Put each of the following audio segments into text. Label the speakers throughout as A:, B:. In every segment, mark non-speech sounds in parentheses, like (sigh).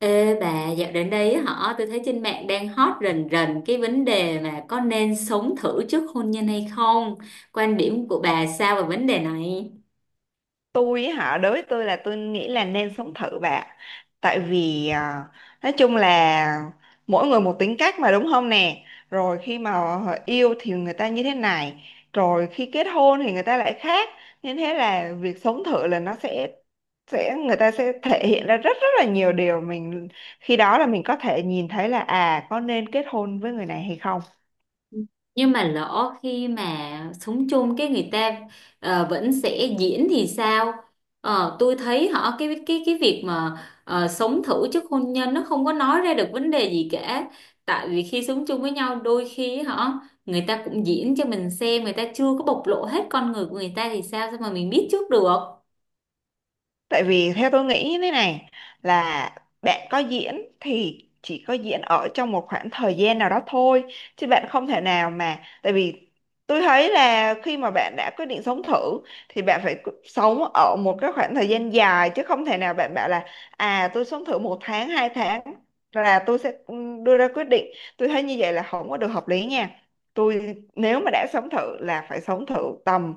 A: Ê bà, dạo đến đây á hả, tôi thấy trên mạng đang hot rần rần cái vấn đề mà có nên sống thử trước hôn nhân hay không? Quan điểm của bà sao về vấn đề này?
B: Tôi ấy hả? Đối với tôi, là tôi nghĩ là nên sống thử bạn. Tại vì nói chung là mỗi người một tính cách mà, đúng không nè? Rồi khi mà họ yêu thì người ta như thế này, rồi khi kết hôn thì người ta lại khác, nên thế là việc sống thử là nó sẽ người ta sẽ thể hiện ra rất rất là nhiều điều mình. Khi đó là mình có thể nhìn thấy là có nên kết hôn với người này hay không.
A: Nhưng mà lỡ khi mà sống chung cái người ta vẫn sẽ diễn thì sao? Tôi thấy cái việc mà sống thử trước hôn nhân nó không có nói ra được vấn đề gì cả. Tại vì khi sống chung với nhau đôi khi người ta cũng diễn cho mình xem, người ta chưa có bộc lộ hết con người của người ta thì sao sao mà mình biết trước được.
B: Tại vì theo tôi nghĩ như thế này, là bạn có diễn thì chỉ có diễn ở trong một khoảng thời gian nào đó thôi, chứ bạn không thể nào mà. Tại vì tôi thấy là khi mà bạn đã quyết định sống thử thì bạn phải sống ở một cái khoảng thời gian dài, chứ không thể nào bạn bảo là tôi sống thử một tháng 2 tháng là tôi sẽ đưa ra quyết định. Tôi thấy như vậy là không có được hợp lý nha. Tôi nếu mà đã sống thử là phải sống thử tầm,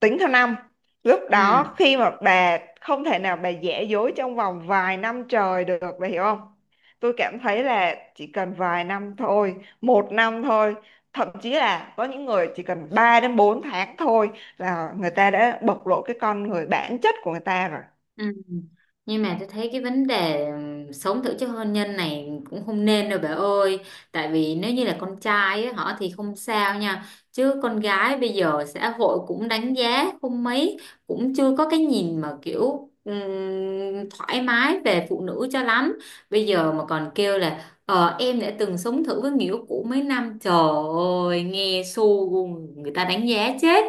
B: tính theo năm. Lúc
A: Ừ.
B: đó khi mà bà không thể nào bà giả dối trong vòng vài năm trời được, bà hiểu không? Tôi cảm thấy là chỉ cần vài năm thôi, một năm thôi, thậm chí là có những người chỉ cần 3 đến 4 tháng thôi là người ta đã bộc lộ cái con người bản chất của người ta rồi.
A: Ừ. Nhưng mà tôi thấy cái vấn đề sống thử trước hôn nhân này cũng không nên đâu bà ơi. Tại vì nếu như là con trai ấy, họ thì không sao nha. Chứ con gái bây giờ xã hội cũng đánh giá không mấy. Cũng chưa có cái nhìn mà kiểu thoải mái về phụ nữ cho lắm. Bây giờ mà còn kêu là "Ờ em đã từng sống thử với người yêu cũ mấy năm" Trời ơi nghe xu, người ta đánh giá chết.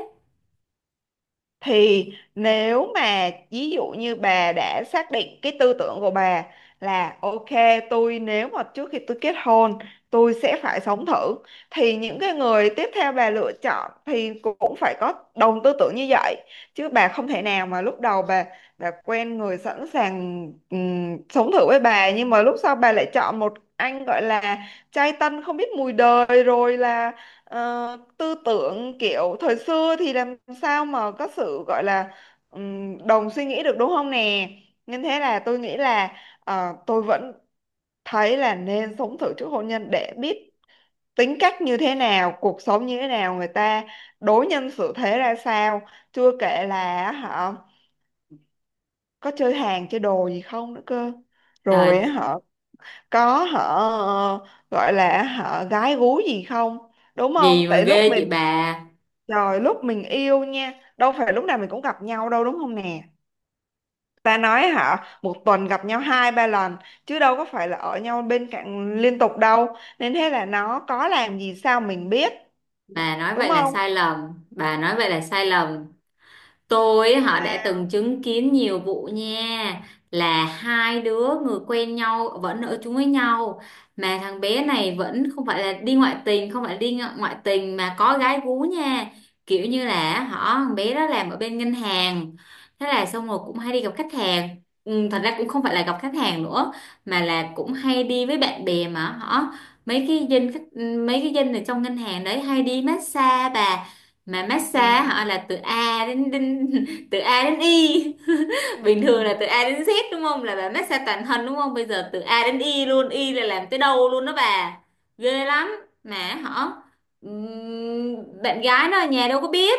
B: Thì nếu mà ví dụ như bà đã xác định cái tư tưởng của bà là ok, tôi nếu mà trước khi tôi kết hôn tôi sẽ phải sống thử, thì những cái người tiếp theo bà lựa chọn thì cũng phải có đồng tư tưởng như vậy. Chứ bà không thể nào mà lúc đầu bà quen người sẵn sàng sống thử với bà, nhưng mà lúc sau bà lại chọn một anh gọi là trai tân không biết mùi đời, rồi là tư tưởng kiểu thời xưa, thì làm sao mà có sự gọi là đồng suy nghĩ được, đúng không nè? Nên thế là tôi nghĩ là tôi vẫn thấy là nên sống thử trước hôn nhân để biết tính cách như thế nào, cuộc sống như thế nào, người ta đối nhân xử thế ra sao. Chưa kể là họ có chơi hàng chơi đồ gì không nữa cơ,
A: Trời
B: rồi họ có họ gọi là họ gái gú gì không, đúng
A: gì
B: không?
A: mà
B: Tại lúc
A: ghê chị
B: mình
A: bà.
B: Trời, lúc mình yêu nha, đâu phải lúc nào mình cũng gặp nhau đâu, đúng không nè? Ta nói hả? Một tuần gặp nhau hai ba lần, chứ đâu có phải là ở nhau bên cạnh liên tục đâu. Nên thế là nó có làm gì sao mình biết?
A: Bà nói
B: Đúng
A: vậy là
B: không?
A: sai lầm, bà nói vậy là sai lầm. Tôi đã
B: Và-
A: từng chứng kiến nhiều vụ nha, là hai đứa người quen nhau vẫn ở chung với nhau mà thằng bé này vẫn không phải là đi ngoại tình, không phải đi ngoại tình mà có gái gú nha. Kiểu như là thằng bé đó làm ở bên ngân hàng, thế là xong rồi cũng hay đi gặp khách hàng. Ừ, thật ra cũng không phải là gặp khách hàng nữa mà là cũng hay đi với bạn bè, mà họ mấy cái dân khách, ừ, mấy cái dân ở trong ngân hàng đấy hay đi massage bà. Mà massage họ
B: ừ.
A: là từ A đến, (laughs) từ A đến Y (laughs)
B: Ừ.
A: bình thường là từ A đến Z đúng không, là bà massage toàn thân đúng không, bây giờ từ A đến Y luôn. Y là làm tới đâu luôn đó bà. Ghê lắm. Mà họ bạn gái nó ở nhà đâu có biết.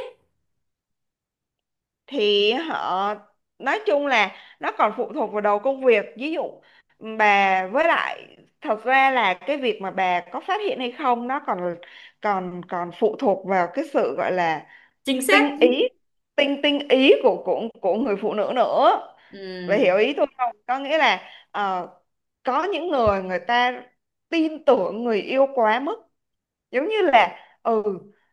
B: Thì nói chung là nó còn phụ thuộc vào đầu công việc. Ví dụ bà, với lại thật ra là cái việc mà bà có phát hiện hay không, nó còn còn còn phụ thuộc vào cái sự gọi là
A: Chính xác.
B: tinh ý tinh ý của người phụ nữ nữa. Vậy
A: Ừm,
B: hiểu ý tôi không? Có nghĩa là ờ, có những người người ta tin tưởng người yêu quá mức. Giống như là ừ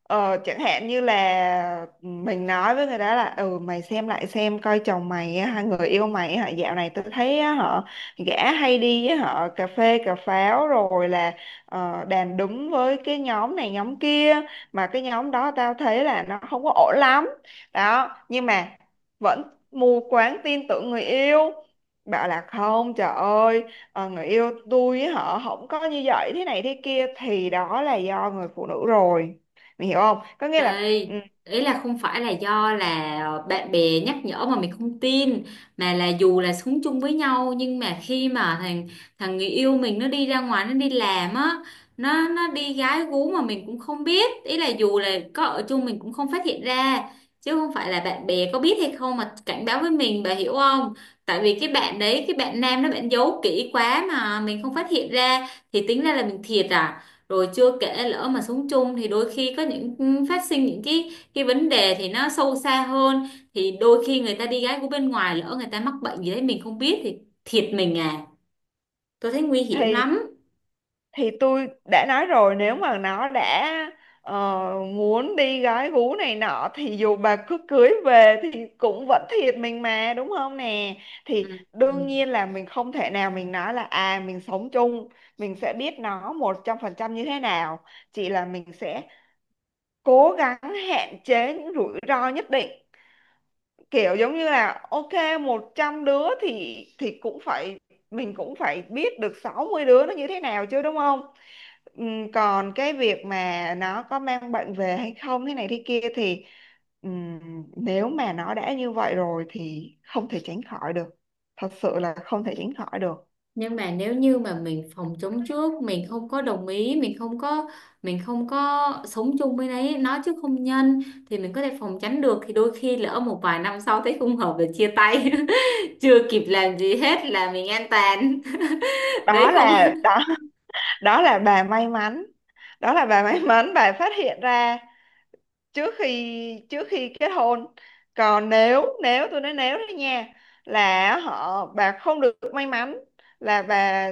B: chẳng hạn như là mình nói với người đó là ừ, mày xem lại xem coi chồng mày á, người yêu mày á, dạo này tôi thấy á, họ gã hay đi với họ cà phê cà pháo, rồi là đàn đúng với cái nhóm này nhóm kia, mà cái nhóm đó tao thấy là nó không có ổn lắm đó. Nhưng mà vẫn mù quáng tin tưởng người yêu, bảo là không, trời ơi, người yêu tôi với họ không có như vậy thế này thế kia, thì đó là do người phụ nữ rồi. Mình hiểu không? Có nghĩa là
A: đây, ý là không phải là do là bạn bè nhắc nhở mà mình không tin, mà là dù là sống chung với nhau nhưng mà khi mà thằng thằng người yêu mình nó đi ra ngoài nó đi làm á, nó đi gái gú mà mình cũng không biết. Ý là dù là có ở chung mình cũng không phát hiện ra chứ không phải là bạn bè có biết hay không mà cảnh báo với mình, bà hiểu không? Tại vì cái bạn đấy, cái bạn nam đó bạn giấu kỹ quá mà mình không phát hiện ra thì tính ra là mình thiệt à. Rồi chưa kể lỡ mà sống chung thì đôi khi có những phát sinh những cái vấn đề thì nó sâu xa hơn, thì đôi khi người ta đi gái của bên ngoài lỡ người ta mắc bệnh gì đấy mình không biết thì thiệt mình à. Tôi thấy nguy hiểm
B: thì
A: lắm.
B: thì tôi đã nói rồi, nếu mà nó đã ờ, muốn đi gái gú này nọ thì dù bà cứ cưới về thì cũng vẫn thiệt mình mà, đúng không nè? Thì
A: Ừ. Ừ.
B: đương nhiên là mình không thể nào mình nói là mình sống chung mình sẽ biết nó 100% như thế nào. Chỉ là mình sẽ cố gắng hạn chế những rủi ro nhất định, kiểu giống như là ok, 100 đứa thì cũng phải, mình cũng phải biết được 60 đứa nó như thế nào chứ, đúng không? Còn cái việc mà nó có mang bệnh về hay không thế này thế kia thì ừm, nếu mà nó đã như vậy rồi thì không thể tránh khỏi được. Thật sự là không thể tránh khỏi được.
A: Nhưng mà nếu như mà mình phòng chống trước, mình không có đồng ý, mình không có sống chung với đấy nó chứ không nhân thì mình có thể phòng tránh được, thì đôi khi lỡ một vài năm sau thấy không hợp là chia tay (laughs) chưa kịp làm gì hết là mình an toàn (laughs)
B: Đó
A: đấy không.
B: là đó (laughs) Đó là bà may mắn. Đó là bà may mắn bà phát hiện ra trước khi, trước khi kết hôn. Còn nếu nếu tôi nói nếu đấy nha, là bà không được may mắn, là bà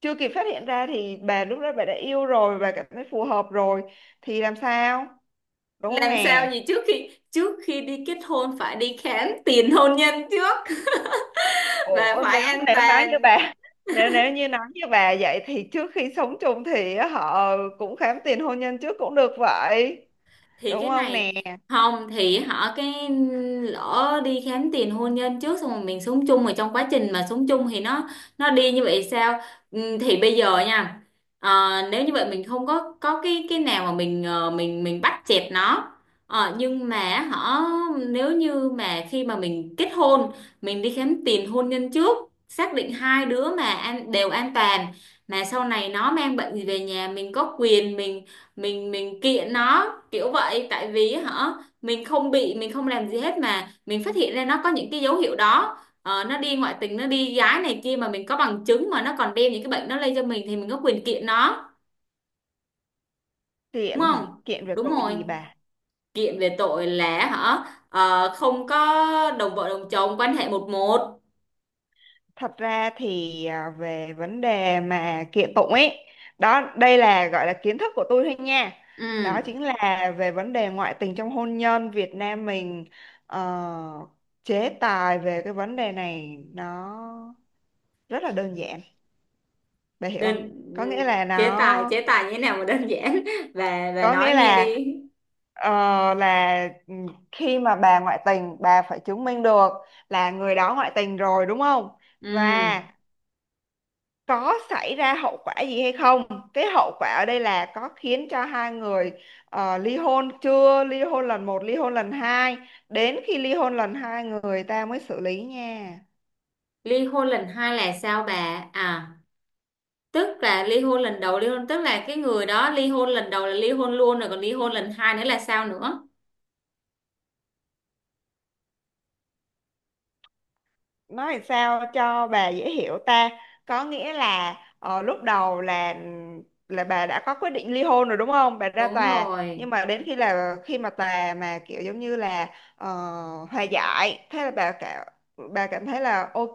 B: chưa kịp phát hiện ra thì bà lúc đó bà đã yêu rồi, bà cảm thấy phù hợp rồi thì làm sao, đúng không
A: Làm
B: nè?
A: sao gì, trước khi đi kết hôn phải đi khám tiền hôn nhân trước (laughs) và
B: Ủa
A: phải
B: nếu
A: an
B: nếu nói như
A: toàn.
B: bà (laughs) nếu nếu như nói như bà vậy thì trước khi sống chung thì họ cũng khám tiền hôn nhân trước cũng được vậy,
A: Thì
B: đúng
A: cái
B: không nè?
A: này không thì họ lỡ đi khám tiền hôn nhân trước xong rồi mình sống chung mà trong quá trình mà sống chung thì nó đi như vậy sao? Ừ, thì bây giờ nha, nếu như vậy mình không có có cái nào mà mình, mình bắt chẹt nó. Ờ, nhưng mà nếu như mà khi mà mình kết hôn, mình đi khám tiền hôn nhân trước, xác định hai đứa mà an, đều an toàn, mà sau này nó mang bệnh gì về nhà mình có quyền mình, mình kiện nó kiểu vậy. Tại vì hả mình không bị, mình không làm gì hết mà mình phát hiện ra nó có những cái dấu hiệu đó. Ờ, nó đi ngoại tình nó đi gái này kia mà mình có bằng chứng, mà nó còn đem những cái bệnh nó lây cho mình thì mình có quyền kiện nó. Đúng
B: Kiện hả?
A: không?
B: Kiện về
A: Đúng
B: tội
A: rồi.
B: gì bà?
A: Kiện về tội là hả, không có đồng vợ đồng chồng quan hệ một một.
B: Thật ra thì về vấn đề mà kiện tụng ấy, đây là gọi là kiến thức của tôi thôi nha. Đó
A: Ừ.
B: chính là về vấn đề ngoại tình trong hôn nhân Việt Nam mình, ờ, chế tài về cái vấn đề này nó rất là đơn giản, bà hiểu
A: Đơn.
B: không? Có
A: Ừ,
B: nghĩa là
A: chế tài
B: nó
A: chế tài như thế nào mà đơn giản (laughs) và
B: có nghĩa
A: nói nghe
B: là
A: đi.
B: ờ, là khi mà bà ngoại tình bà phải chứng minh được là người đó ngoại tình rồi, đúng không?
A: Ừ.
B: Và có xảy ra hậu quả gì hay không. Cái hậu quả ở đây là có khiến cho hai người ly hôn chưa, ly hôn lần một, ly hôn lần hai, đến khi ly hôn lần hai người ta mới xử lý nha.
A: Ly hôn lần hai là sao bà à? Tức là ly hôn lần đầu, ly hôn tức là cái người đó ly hôn lần đầu là ly hôn luôn rồi, còn ly hôn lần hai nữa là sao nữa?
B: Nói sao cho bà dễ hiểu ta, có nghĩa là lúc đầu là bà đã có quyết định ly hôn rồi, đúng không, bà ra
A: Đúng
B: tòa. Nhưng
A: rồi.
B: mà đến khi là khi mà tòa mà kiểu giống như là ờ, hòa giải, thế là bà cảm thấy là ok,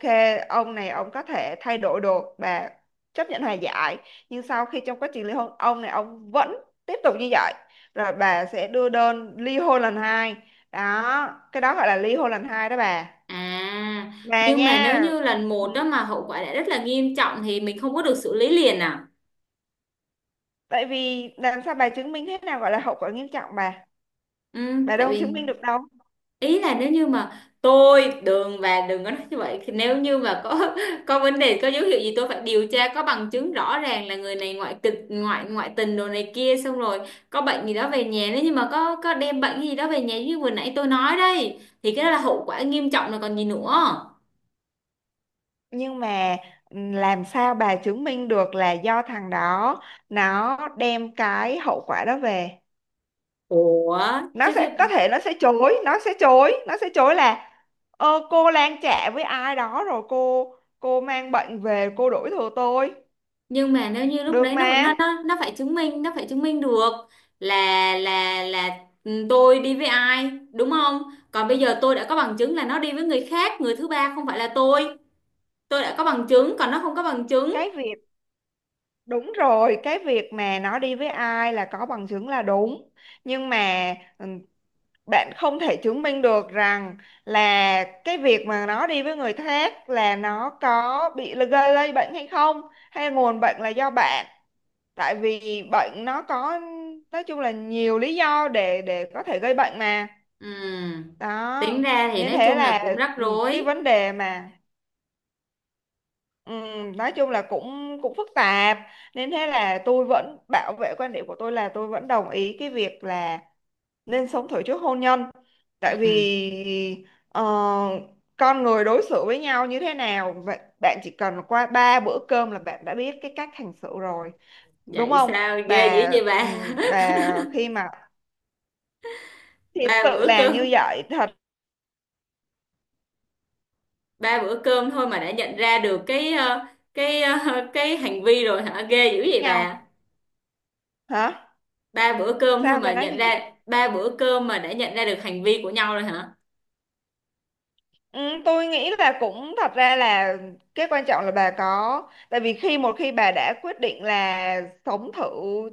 B: ông này ông có thể thay đổi được, bà chấp nhận hòa giải. Nhưng sau khi trong quá trình ly hôn ông này ông vẫn tiếp tục như vậy, rồi bà sẽ đưa đơn ly hôn lần hai. Đó, cái đó gọi là ly hôn lần hai đó bà,
A: À.
B: mà
A: Nhưng mà nếu
B: nha.
A: như lần
B: Ừ.
A: một đó mà hậu quả đã rất là nghiêm trọng thì mình không có được xử lý liền à?
B: Tại vì làm sao bà chứng minh thế nào gọi là hậu quả nghiêm trọng bà?
A: Ừ.
B: Bà
A: Tại
B: đâu chứng
A: vì
B: minh được đâu.
A: ý là nếu như mà tôi đường và đừng có nói như vậy. Thì nếu như mà có (laughs) có vấn đề có dấu hiệu gì tôi phải điều tra có bằng chứng rõ ràng là người này ngoại kịch ngoại ngoại tình đồ này kia xong rồi có bệnh gì đó về nhà, nếu như mà có đem bệnh gì đó về nhà như vừa nãy tôi nói đây thì cái đó là hậu quả nghiêm trọng rồi còn gì nữa.
B: Nhưng mà làm sao bà chứng minh được là do thằng đó nó đem cái hậu quả đó về?
A: Ủa.
B: Nó
A: Chứ
B: sẽ
A: cái
B: có thể nó sẽ chối là cô lang chạ với ai đó rồi cô mang bệnh về, cô đuổi thừa tôi.
A: nhưng mà nếu như lúc
B: Được
A: đấy nó
B: mà.
A: nó nó nó phải chứng minh, nó phải chứng minh được là, là ừ, tôi đi với ai đúng không. Còn bây giờ tôi đã có bằng chứng là nó đi với người khác, người thứ ba, không phải là tôi. Tôi đã có bằng chứng còn nó không có bằng chứng.
B: Cái việc Đúng rồi, cái việc mà nó đi với ai là có bằng chứng là đúng. Nhưng mà ừ, bạn không thể chứng minh được rằng là cái việc mà nó đi với người khác là nó có bị gây lây bệnh hay không, hay nguồn bệnh là do bạn. Tại vì bệnh nó có, nói chung là nhiều lý do để có thể gây bệnh mà.
A: Ừm, tính
B: Đó.
A: ra thì
B: Nên
A: nói
B: thế
A: chung là
B: là
A: cũng rắc
B: ừ, cái
A: rối.
B: vấn đề mà Ừ, nói chung là cũng cũng phức tạp. Nên thế là tôi vẫn bảo vệ quan điểm của tôi là tôi vẫn đồng ý cái việc là nên sống thử trước hôn nhân. Tại
A: Ừm.
B: vì con người đối xử với nhau như thế nào, vậy bạn chỉ cần qua ba bữa cơm là bạn đã biết cái cách hành xử rồi, đúng
A: Vậy
B: không
A: sao ghê dữ
B: bà?
A: vậy bà?
B: Bà khi mà
A: (laughs)
B: thì
A: Ba
B: sự
A: bữa
B: là như
A: cơm.
B: vậy thật,
A: Ba bữa cơm thôi mà đã nhận ra được cái cái (laughs) cái hành vi rồi hả? Ghê dữ
B: khác
A: vậy bà.
B: nhau. Hả?
A: Ba bữa cơm thôi
B: Sao bà
A: mà
B: nói gì?
A: nhận ra, ba bữa cơm mà đã nhận ra được hành vi của nhau rồi hả?
B: Ừ, tôi nghĩ là cũng thật ra là cái quan trọng là bà có tại vì một khi bà đã quyết định là sống thử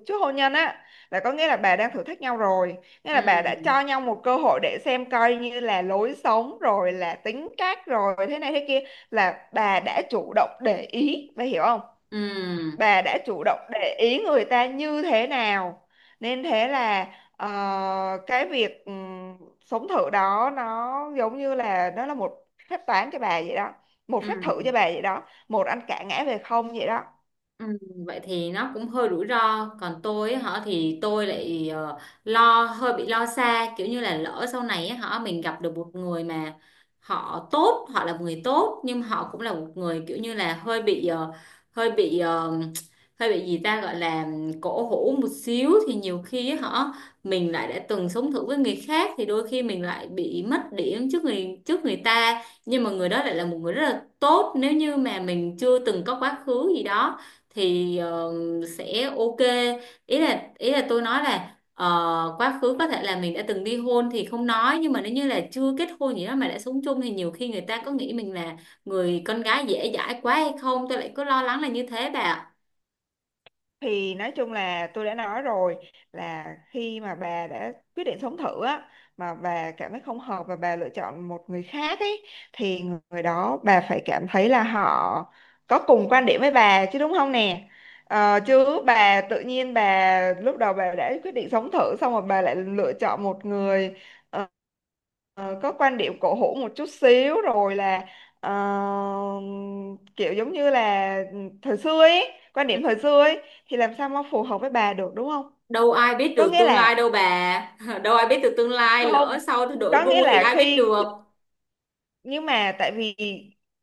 B: trước hôn nhân á, là có nghĩa là bà đang thử thách nhau rồi. Nghĩa là bà đã
A: Ừ.
B: cho nhau một cơ hội để xem coi như là lối sống rồi là tính cách rồi thế này thế kia, là bà đã chủ động để ý, bà hiểu không?
A: Ừ.
B: Bà đã chủ động để ý người ta như thế nào. Nên thế là ờ, cái việc sống thử đó nó giống như là nó là một phép toán cho bà vậy đó, một
A: Ừ.
B: phép thử cho bà vậy đó, một ăn cả ngã về không vậy đó.
A: Ừ, vậy thì nó cũng hơi rủi ro. Còn tôi á, hả thì tôi lại lo hơi bị lo xa kiểu như là lỡ sau này á, hả mình gặp được một người mà họ tốt, họ là một người tốt nhưng họ cũng là một người kiểu như là hơi bị hơi bị hơi bị gì ta, gọi là cổ hủ một xíu, thì nhiều khi á, hả mình lại đã từng sống thử với người khác thì đôi khi mình lại bị mất điểm trước người, trước người ta, nhưng mà người đó lại là một người rất là tốt. Nếu như mà mình chưa từng có quá khứ gì đó thì sẽ ok. Ý là tôi nói là quá khứ có thể là mình đã từng ly hôn thì không nói, nhưng mà nếu như là chưa kết hôn gì đó mà đã sống chung thì nhiều khi người ta có nghĩ mình là người con gái dễ dãi quá hay không, tôi lại cứ lo lắng là như thế bà ạ.
B: Thì nói chung là tôi đã nói rồi là khi mà bà đã quyết định sống thử á, mà bà cảm thấy không hợp và bà lựa chọn một người khác ấy, thì người đó bà phải cảm thấy là họ có cùng quan điểm với bà chứ, đúng không nè? Ờ, chứ bà tự nhiên bà lúc đầu bà đã quyết định sống thử xong rồi bà lại lựa chọn một người ờ, có quan điểm cổ hủ một chút xíu, rồi là ờ, kiểu giống như là thời xưa ấy, quan điểm thời xưa ấy thì làm sao mà phù hợp với bà được, đúng không?
A: Đâu ai biết
B: Có
A: được
B: nghĩa
A: tương
B: là
A: lai đâu bà (laughs) đâu ai biết được tương lai, lỡ
B: không,
A: sau tôi đổi
B: có nghĩa
A: gu thì
B: là
A: ai biết
B: khi
A: được.
B: nhưng mà tại vì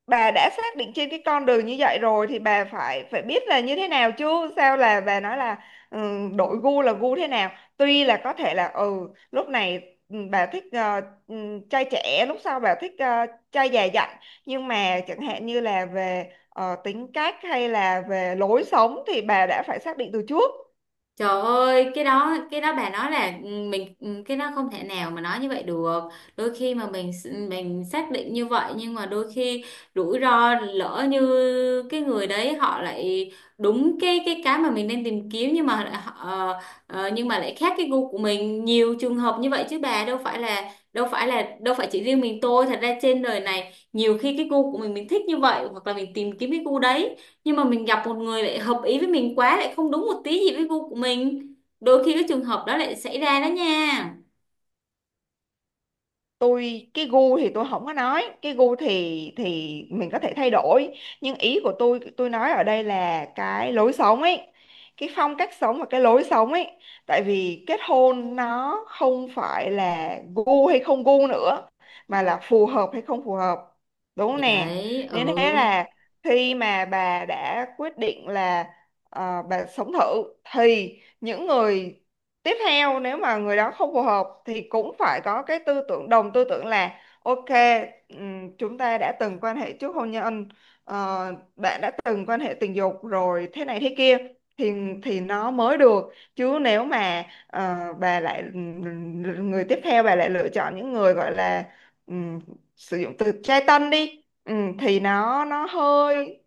B: bà đã xác định trên cái con đường như vậy rồi thì bà phải phải biết là như thế nào chứ, sao là bà nói là ừ, đổi gu là gu thế nào? Tuy là có thể là lúc này bà thích trai trẻ, lúc sau bà thích trai già dặn. Nhưng mà chẳng hạn như là về tính cách hay là về lối sống thì bà đã phải xác định từ trước.
A: Trời ơi, cái đó bà nói là ừ, mình ừ, cái đó không thể nào mà nói như vậy được. Đôi khi mà mình xác định như vậy nhưng mà đôi khi rủi ro lỡ như cái người đấy họ lại đúng cái mà mình đang tìm kiếm nhưng mà lại ờ, nhưng mà lại khác cái gu của mình. Nhiều trường hợp như vậy chứ bà đâu phải chỉ riêng mình tôi, thật ra trên đời này nhiều khi cái gu của mình thích như vậy hoặc là mình tìm kiếm cái gu đấy nhưng mà mình gặp một người lại hợp ý với mình quá, lại không đúng một tí gì với gu của mình. Đôi khi cái trường hợp đó lại xảy ra đó nha.
B: Tôi cái gu thì tôi không có nói, cái gu thì mình có thể thay đổi. Nhưng ý của tôi nói ở đây là cái lối sống ấy, cái phong cách sống và cái lối sống ấy. Tại vì kết hôn nó không phải là gu hay không gu nữa,
A: Ừ.
B: mà là phù hợp hay không phù hợp, đúng không
A: Thì
B: nè?
A: đấy. Ừ.
B: Nên thế là khi mà bà đã quyết định là bà sống thử thì những người tiếp theo nếu mà người đó không phù hợp thì cũng phải có cái tư tưởng đồng tư tưởng là ok, chúng ta đã từng quan hệ trước hôn nhân, ờ, bạn đã từng quan hệ tình dục rồi thế này thế kia thì nó mới được. Chứ nếu mà bà lại người tiếp theo bà lại lựa chọn những người gọi là ừm, sử dụng từ trai tân đi, thì nó hơi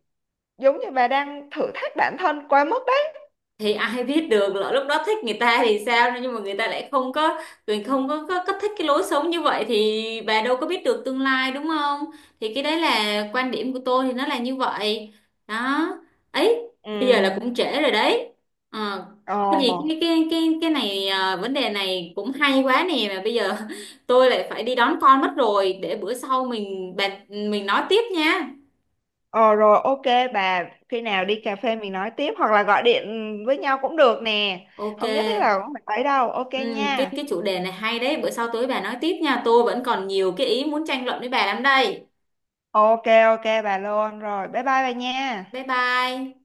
B: giống như bà đang thử thách bản thân quá mức đấy.
A: Thì ai biết được lỡ lúc đó thích người ta thì sao, nhưng mà người ta lại không có, mình không có, có thích cái lối sống như vậy, thì bà đâu có biết được tương lai đúng không. Thì cái đấy là quan điểm của tôi thì nó là như vậy. Đó. Ấy. Bây giờ là cũng
B: Ừm.
A: trễ rồi đấy. Ờ. Có gì
B: Ồ.
A: cái này à, vấn đề này cũng hay quá nè, mà bây giờ (laughs) tôi lại phải đi đón con mất rồi, để bữa sau mình bàn, mình nói tiếp nha.
B: Ờ rồi, ok bà, khi nào đi cà phê mình nói tiếp hoặc là gọi điện với nhau cũng được nè.
A: Ok.
B: Không nhất thiết là cũng phải tới đâu. Ok
A: Ừ, cái
B: nha.
A: cái chủ đề này hay đấy, bữa sau tối bà nói tiếp nha. Tôi vẫn còn nhiều cái ý muốn tranh luận với bà lắm đây.
B: Ok ok, bà luôn rồi. Bye bye bà nha.
A: Bye bye.